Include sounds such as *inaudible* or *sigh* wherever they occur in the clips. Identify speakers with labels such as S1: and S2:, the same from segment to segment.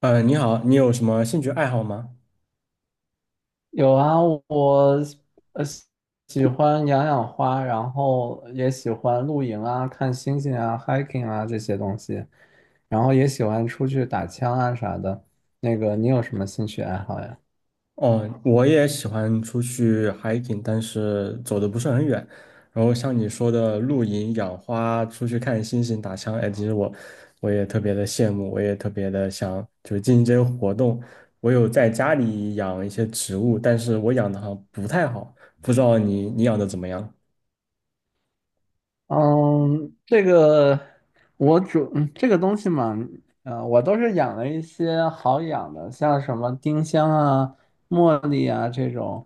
S1: 你好，你有什么兴趣爱好吗？
S2: 有啊。我呃喜喜欢养花，然后也喜欢露营啊、看星星啊、hiking 啊这些东西，然后也喜欢出去打枪啊啥的。那个，你有什么兴趣爱好呀？
S1: 哦，我也喜欢出去 hiking，但是走的不是很远。然后像你说的露营、养花、出去看星星、打枪，哎，其实我也特别的羡慕，我也特别的想就是进行这些活动。我有在家里养一些植物，但是我养的好像不太好，不知道你养的怎么样？
S2: 嗯，这个我这个东西嘛，我都是养了一些好养的，像什么丁香啊、茉莉啊这种。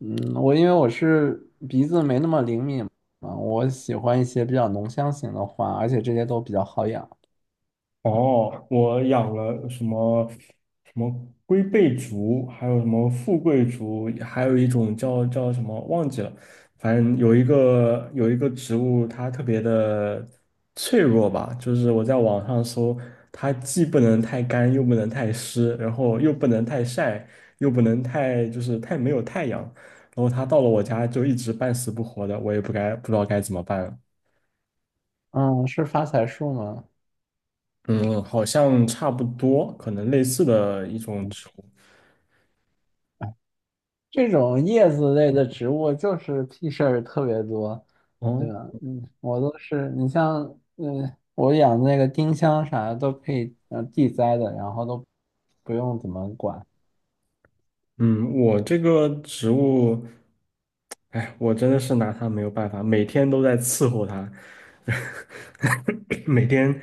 S2: 嗯，我因为我是鼻子没那么灵敏嘛，我喜欢一些比较浓香型的花，而且这些都比较好养。
S1: 哦，我养了什么龟背竹，还有什么富贵竹，还有一种叫什么忘记了，反正有一个植物，它特别的脆弱吧，就是我在网上搜，它既不能太干，又不能太湿，然后又不能太晒，又不能太就是太没有太阳，然后它到了我家就一直半死不活的，我也不知道该怎么办了。
S2: 嗯，是发财树吗？
S1: 嗯，好像差不多，可能类似的一种植物。
S2: 这种叶子类的植物就是屁事儿特别多，
S1: 哦，
S2: 对吧？嗯，我都是，你像，嗯，我养那个丁香啥的都可以，嗯，地栽的，然后都不用怎么管。
S1: 嗯，我这个植物，哎，我真的是拿它没有办法，每天都在伺候它，*laughs* 每天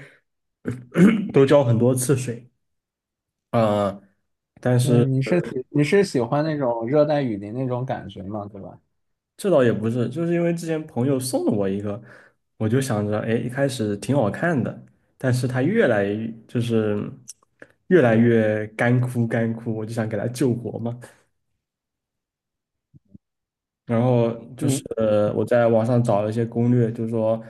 S1: *clears throat* *coughs* 都浇很多次水。啊。但
S2: 对，
S1: 是
S2: 你是喜欢那种热带雨林那种感觉嘛，对吧？
S1: 这倒也不是，就是因为之前朋友送了我一个，我就想着，哎，一开始挺好看的，但是它越来就是越来越干枯，我就想给它救活嘛。然后就是
S2: 嗯，
S1: 我在网上找了一些攻略，就是说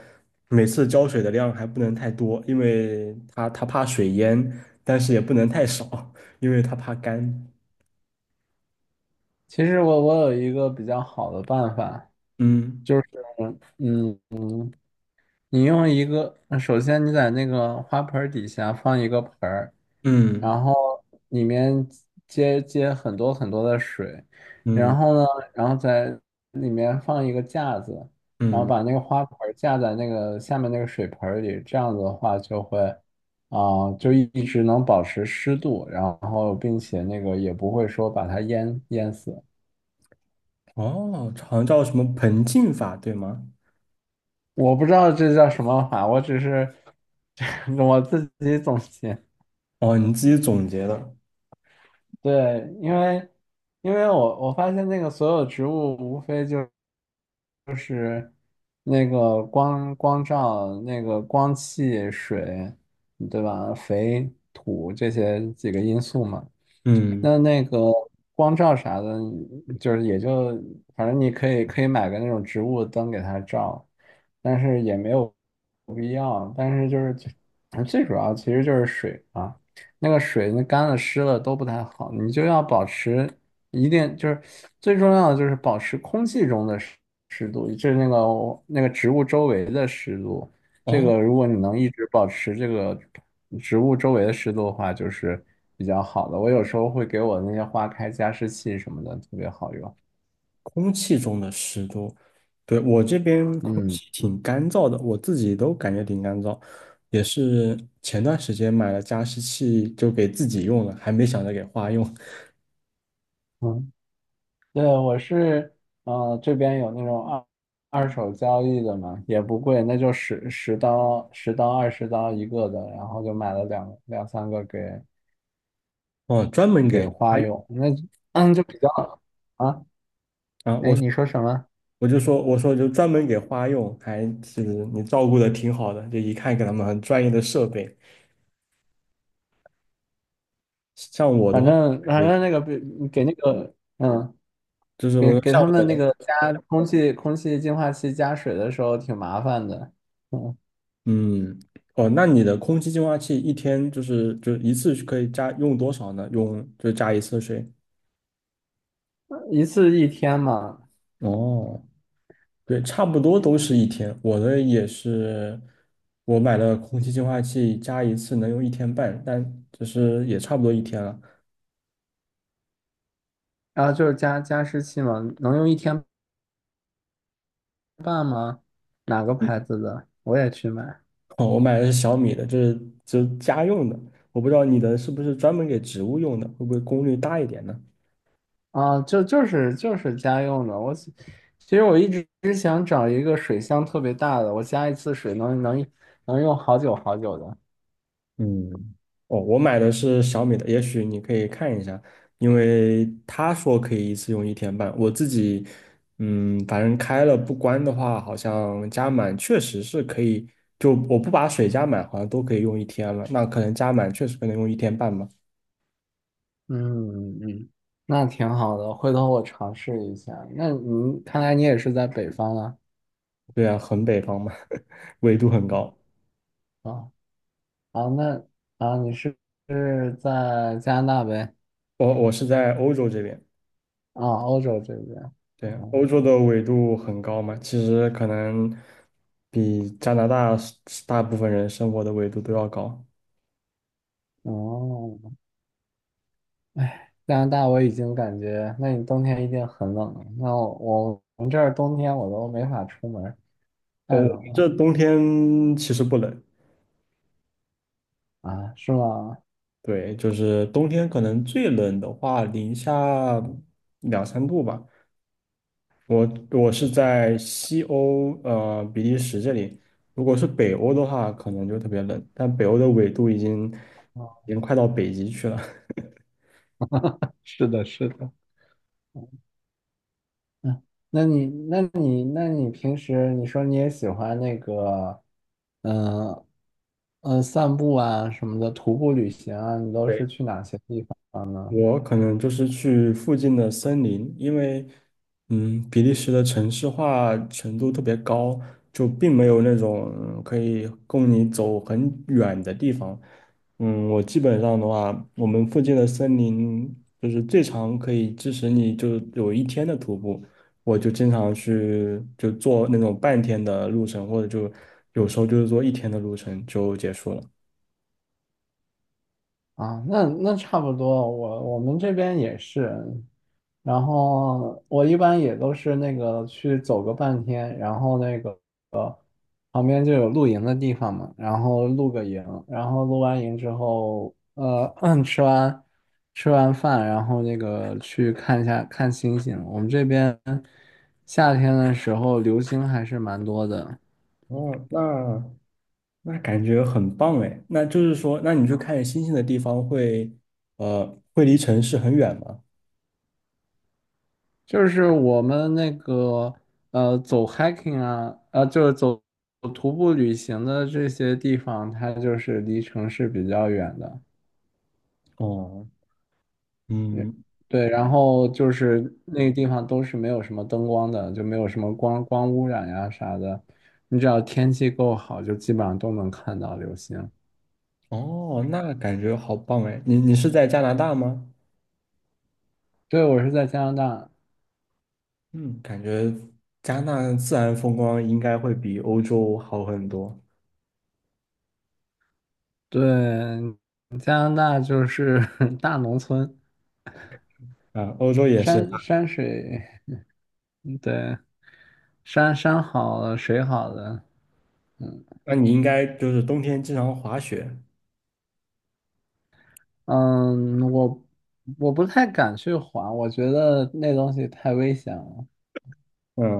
S1: 每次浇水的量还不能太多，因为它怕水淹，但是也不能太少，因为它怕干。
S2: 其实我有一个比较好的办法，
S1: 嗯
S2: 就是，嗯。嗯，你用一个，首先你在那个花盆儿底下放一个盆儿，
S1: 嗯
S2: 然后里面接很多很多的水，
S1: 嗯
S2: 然后呢，然后在里面放一个架子，然后
S1: 嗯，
S2: 把那个花盆儿架在那个下面那个水盆儿里，这样子的话就会，啊、就一直能保持湿度，然后并且那个也不会说把它淹死。
S1: 哦，好像叫什么盆浸法，对吗？
S2: 我不知道这叫什么法，我只是 *laughs* 我自己总结。
S1: 哦，你自己总结的。
S2: 对，因为因为我发现那个所有植物无非就是那个光照、那个光气、水，对吧？肥、土这些几个因素嘛。
S1: 嗯，
S2: 那那个光照啥的，就是也就反正你可以买个那种植物灯给它照，但是也没有必要。但是就是最主要其实就是水啊，那个水那干了湿了都不太好，你就要保持一定就是最重要的就是保持空气中的湿度，就是那个植物周围的湿度。这
S1: 哦，
S2: 个如果你能一直保持这个植物周围的湿度的话，就是比较好的。我有时候会给我那些花开加湿器什么的，特别好用。
S1: 空气中的湿度，对，我这边空
S2: 嗯
S1: 气挺干燥的，我自己都感觉挺干燥，也是前段时间买了加湿器，就给自己用了，还没想着给花用，
S2: 嗯，对，我是这边有那种二手交易的嘛，也不贵，那就、十刀、二十刀一个的，然后就买了两三个给
S1: 哦，专门
S2: 给
S1: 给花
S2: 花
S1: 用
S2: 友。那嗯就比较啊，
S1: 啊，我
S2: 哎，
S1: 说
S2: 你说什么？
S1: 我说就专门给花用，还是你照顾的挺好的，就一看给他们很专业的设备。像我的
S2: 反
S1: 话，
S2: 正
S1: 感
S2: 反
S1: 觉
S2: 正那个比给那个嗯。
S1: 就是我
S2: 给给
S1: 像
S2: 他
S1: 我
S2: 们那
S1: 的，
S2: 个 *laughs* 加空气净化器加水的时候挺麻烦的，嗯，
S1: 嗯。哦，那你的空气净化器一天就是就一次可以加用多少呢？用就加一次水。
S2: 一次一天嘛，
S1: 哦，对，差不多都是一天。我的也是，我买了空气净化器，加一次能用一天半，但就是也差不多一天了。
S2: 然后就是加加湿器嘛，能用一天半吗？哪个
S1: 嗯，
S2: 牌子的？我也去买
S1: *laughs* 哦，我买的是小米的，就是家用的。我不知道你的是不是专门给植物用的，会不会功率大一点呢？
S2: 啊，就是家用的。我其实我一直想找一个水箱特别大的，我加一次水能用好久好久的。
S1: 嗯，哦，我买的是小米的，也许你可以看一下，因为他说可以一次用一天半，我自己，嗯，反正开了不关的话，好像加满确实是可以，就我不把水加满，好像都可以用一天了，那可能加满确实可能用一天半吧，
S2: 嗯嗯，那挺好的，回头我尝试一下。那你看来你也是在北方了。
S1: 对啊，很北方嘛，*laughs* 纬度很高，
S2: 啊。哦啊，那啊，你是是在加拿大呗？
S1: 我是在欧洲这边，
S2: 啊，欧洲这边。
S1: 对啊，
S2: 哦，
S1: 欧洲的纬度很高嘛，其实可能比加拿大大部分人生活的纬度都要高。
S2: 哦，加拿大我已经感觉，那你冬天一定很冷了。那我们这儿冬天我都没法出门儿
S1: 哦，
S2: 太
S1: 我们
S2: 冷了
S1: 这冬天其实不冷，
S2: 啊，是吗？
S1: 对，就是冬天可能最冷的话，零下两三度吧。我我是在西欧，比利时这里。如果是北欧的话，可能就特别冷，但北欧的纬度已经已
S2: 哦，
S1: 经快到北极去了。
S2: 是的，是的。嗯，那你平时你说你也喜欢那个，嗯、呃散步啊什么的，徒步旅行啊，你都是
S1: *laughs*
S2: 去哪些地方？呢？
S1: 我可能就是去附近的森林，因为，嗯，比利时的城市化程度特别高，就并没有那种嗯可以供你走很远的地方。嗯，我基本上的话，我们附近的森林就是最长可以支持你就有一天的徒步，我就经常去就做那种半天的路程，或者就有时候就是做一天的路程就结束了。
S2: 啊，那那差不多，我们这边也是，然后我一般也都是那个去走个半天，然后那个呃旁边就有露营的地方嘛，然后露个营，然后露完营之后，*clears throat* 吃完吃完饭，然后那个去看一下看星星。我们这边夏天的时候流星还是蛮多的。
S1: 哦，那感觉很棒哎。那就是说，那你去看星星的地方会，会离城市很远吗？
S2: 就是我们那个走 hiking 啊，就是走徒步旅行的这些地方，它就是离城市比较远的，
S1: 哦，
S2: 也
S1: 嗯，
S2: 对，然后就是那个地方都是没有什么灯光的，就没有什么光污染呀啥的，你只要天气够好，就基本上都能看到流星。
S1: 哦，那感觉好棒哎。你是在加拿大吗？
S2: 对，我是在加拿大，
S1: 嗯，感觉加拿大自然风光应该会比欧洲好很多。
S2: 对，加拿大就是 *laughs* 大农村，
S1: 啊，欧洲也是。
S2: 山山水，对。山山好了，水好了，嗯，
S1: 那你应该就是冬天经常滑雪。
S2: 嗯，我不太敢去滑，我觉得那东西太危险了，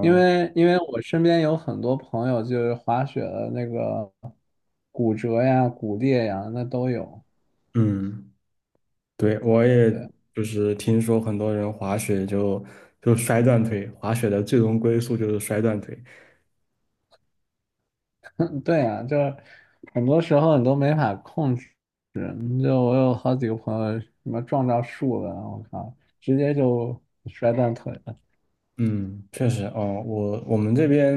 S2: 因为我身边有很多朋友就是滑雪的那个骨折呀、骨裂呀，那都有。
S1: 嗯，对，我也
S2: 对，
S1: 就是听说很多人滑雪就摔断腿，滑雪的最终归宿就是摔断腿。
S2: *laughs* 对呀，就是很多时候你都没法控制。嗯就我有好几个朋友什么撞到树了，我靠，直接就摔断腿了。
S1: 嗯，确实哦，我们这边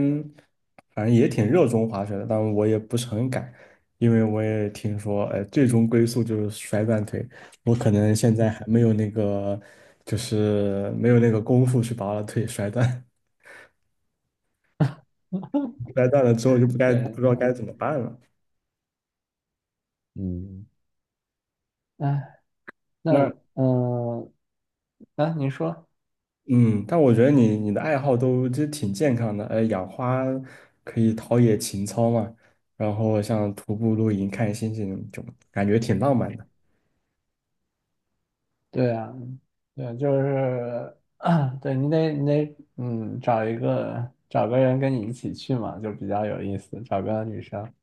S1: 反正也挺热衷滑雪的，但我也不是很敢，因为我也听说，最终归宿就是摔断腿，我可能现在还没有那个，就是没有那个功夫去把我的腿摔断，*laughs* 摔断了之后就
S2: 对，
S1: 不知道该怎么办了。
S2: 嗯，哎，那
S1: 那
S2: 嗯。啊，你说，
S1: 嗯，但我觉得你的爱好都其实挺健康的，养花可以陶冶情操嘛，然后像徒步、露营、看星星，就感觉挺浪漫的。
S2: 对啊，对，就是，*clears throat* 对你得，嗯，找个人跟你一起去嘛，就比较有意思，找个女生。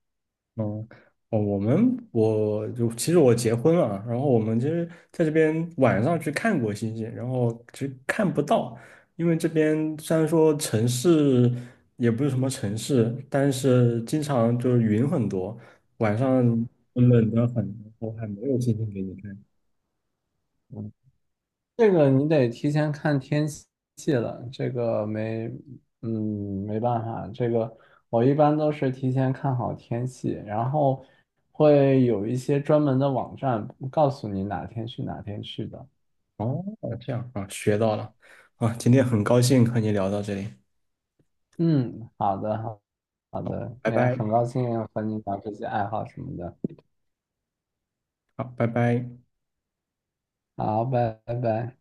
S1: 嗯，哦，我们我就其实我结婚了，然后我们其实在这边晚上去看过星星，然后其实看不到，因为这边虽然说城市也不是什么城市，但是经常就是云很多，晚上冷得很，我还没有星星给你看。
S2: 嗯，这个你得提前看天气了，这个没，嗯，没办法，这个我一般都是提前看好天气，然后会有一些专门的网站告诉你哪天去的。
S1: 哦，这样啊，学到了啊，今天很高兴和你聊到这里，
S2: 嗯，好的，好，好的，
S1: 拜
S2: 也
S1: 拜，
S2: 很高兴和你聊这些爱好什么的。
S1: 好，拜拜。
S2: 好，拜拜。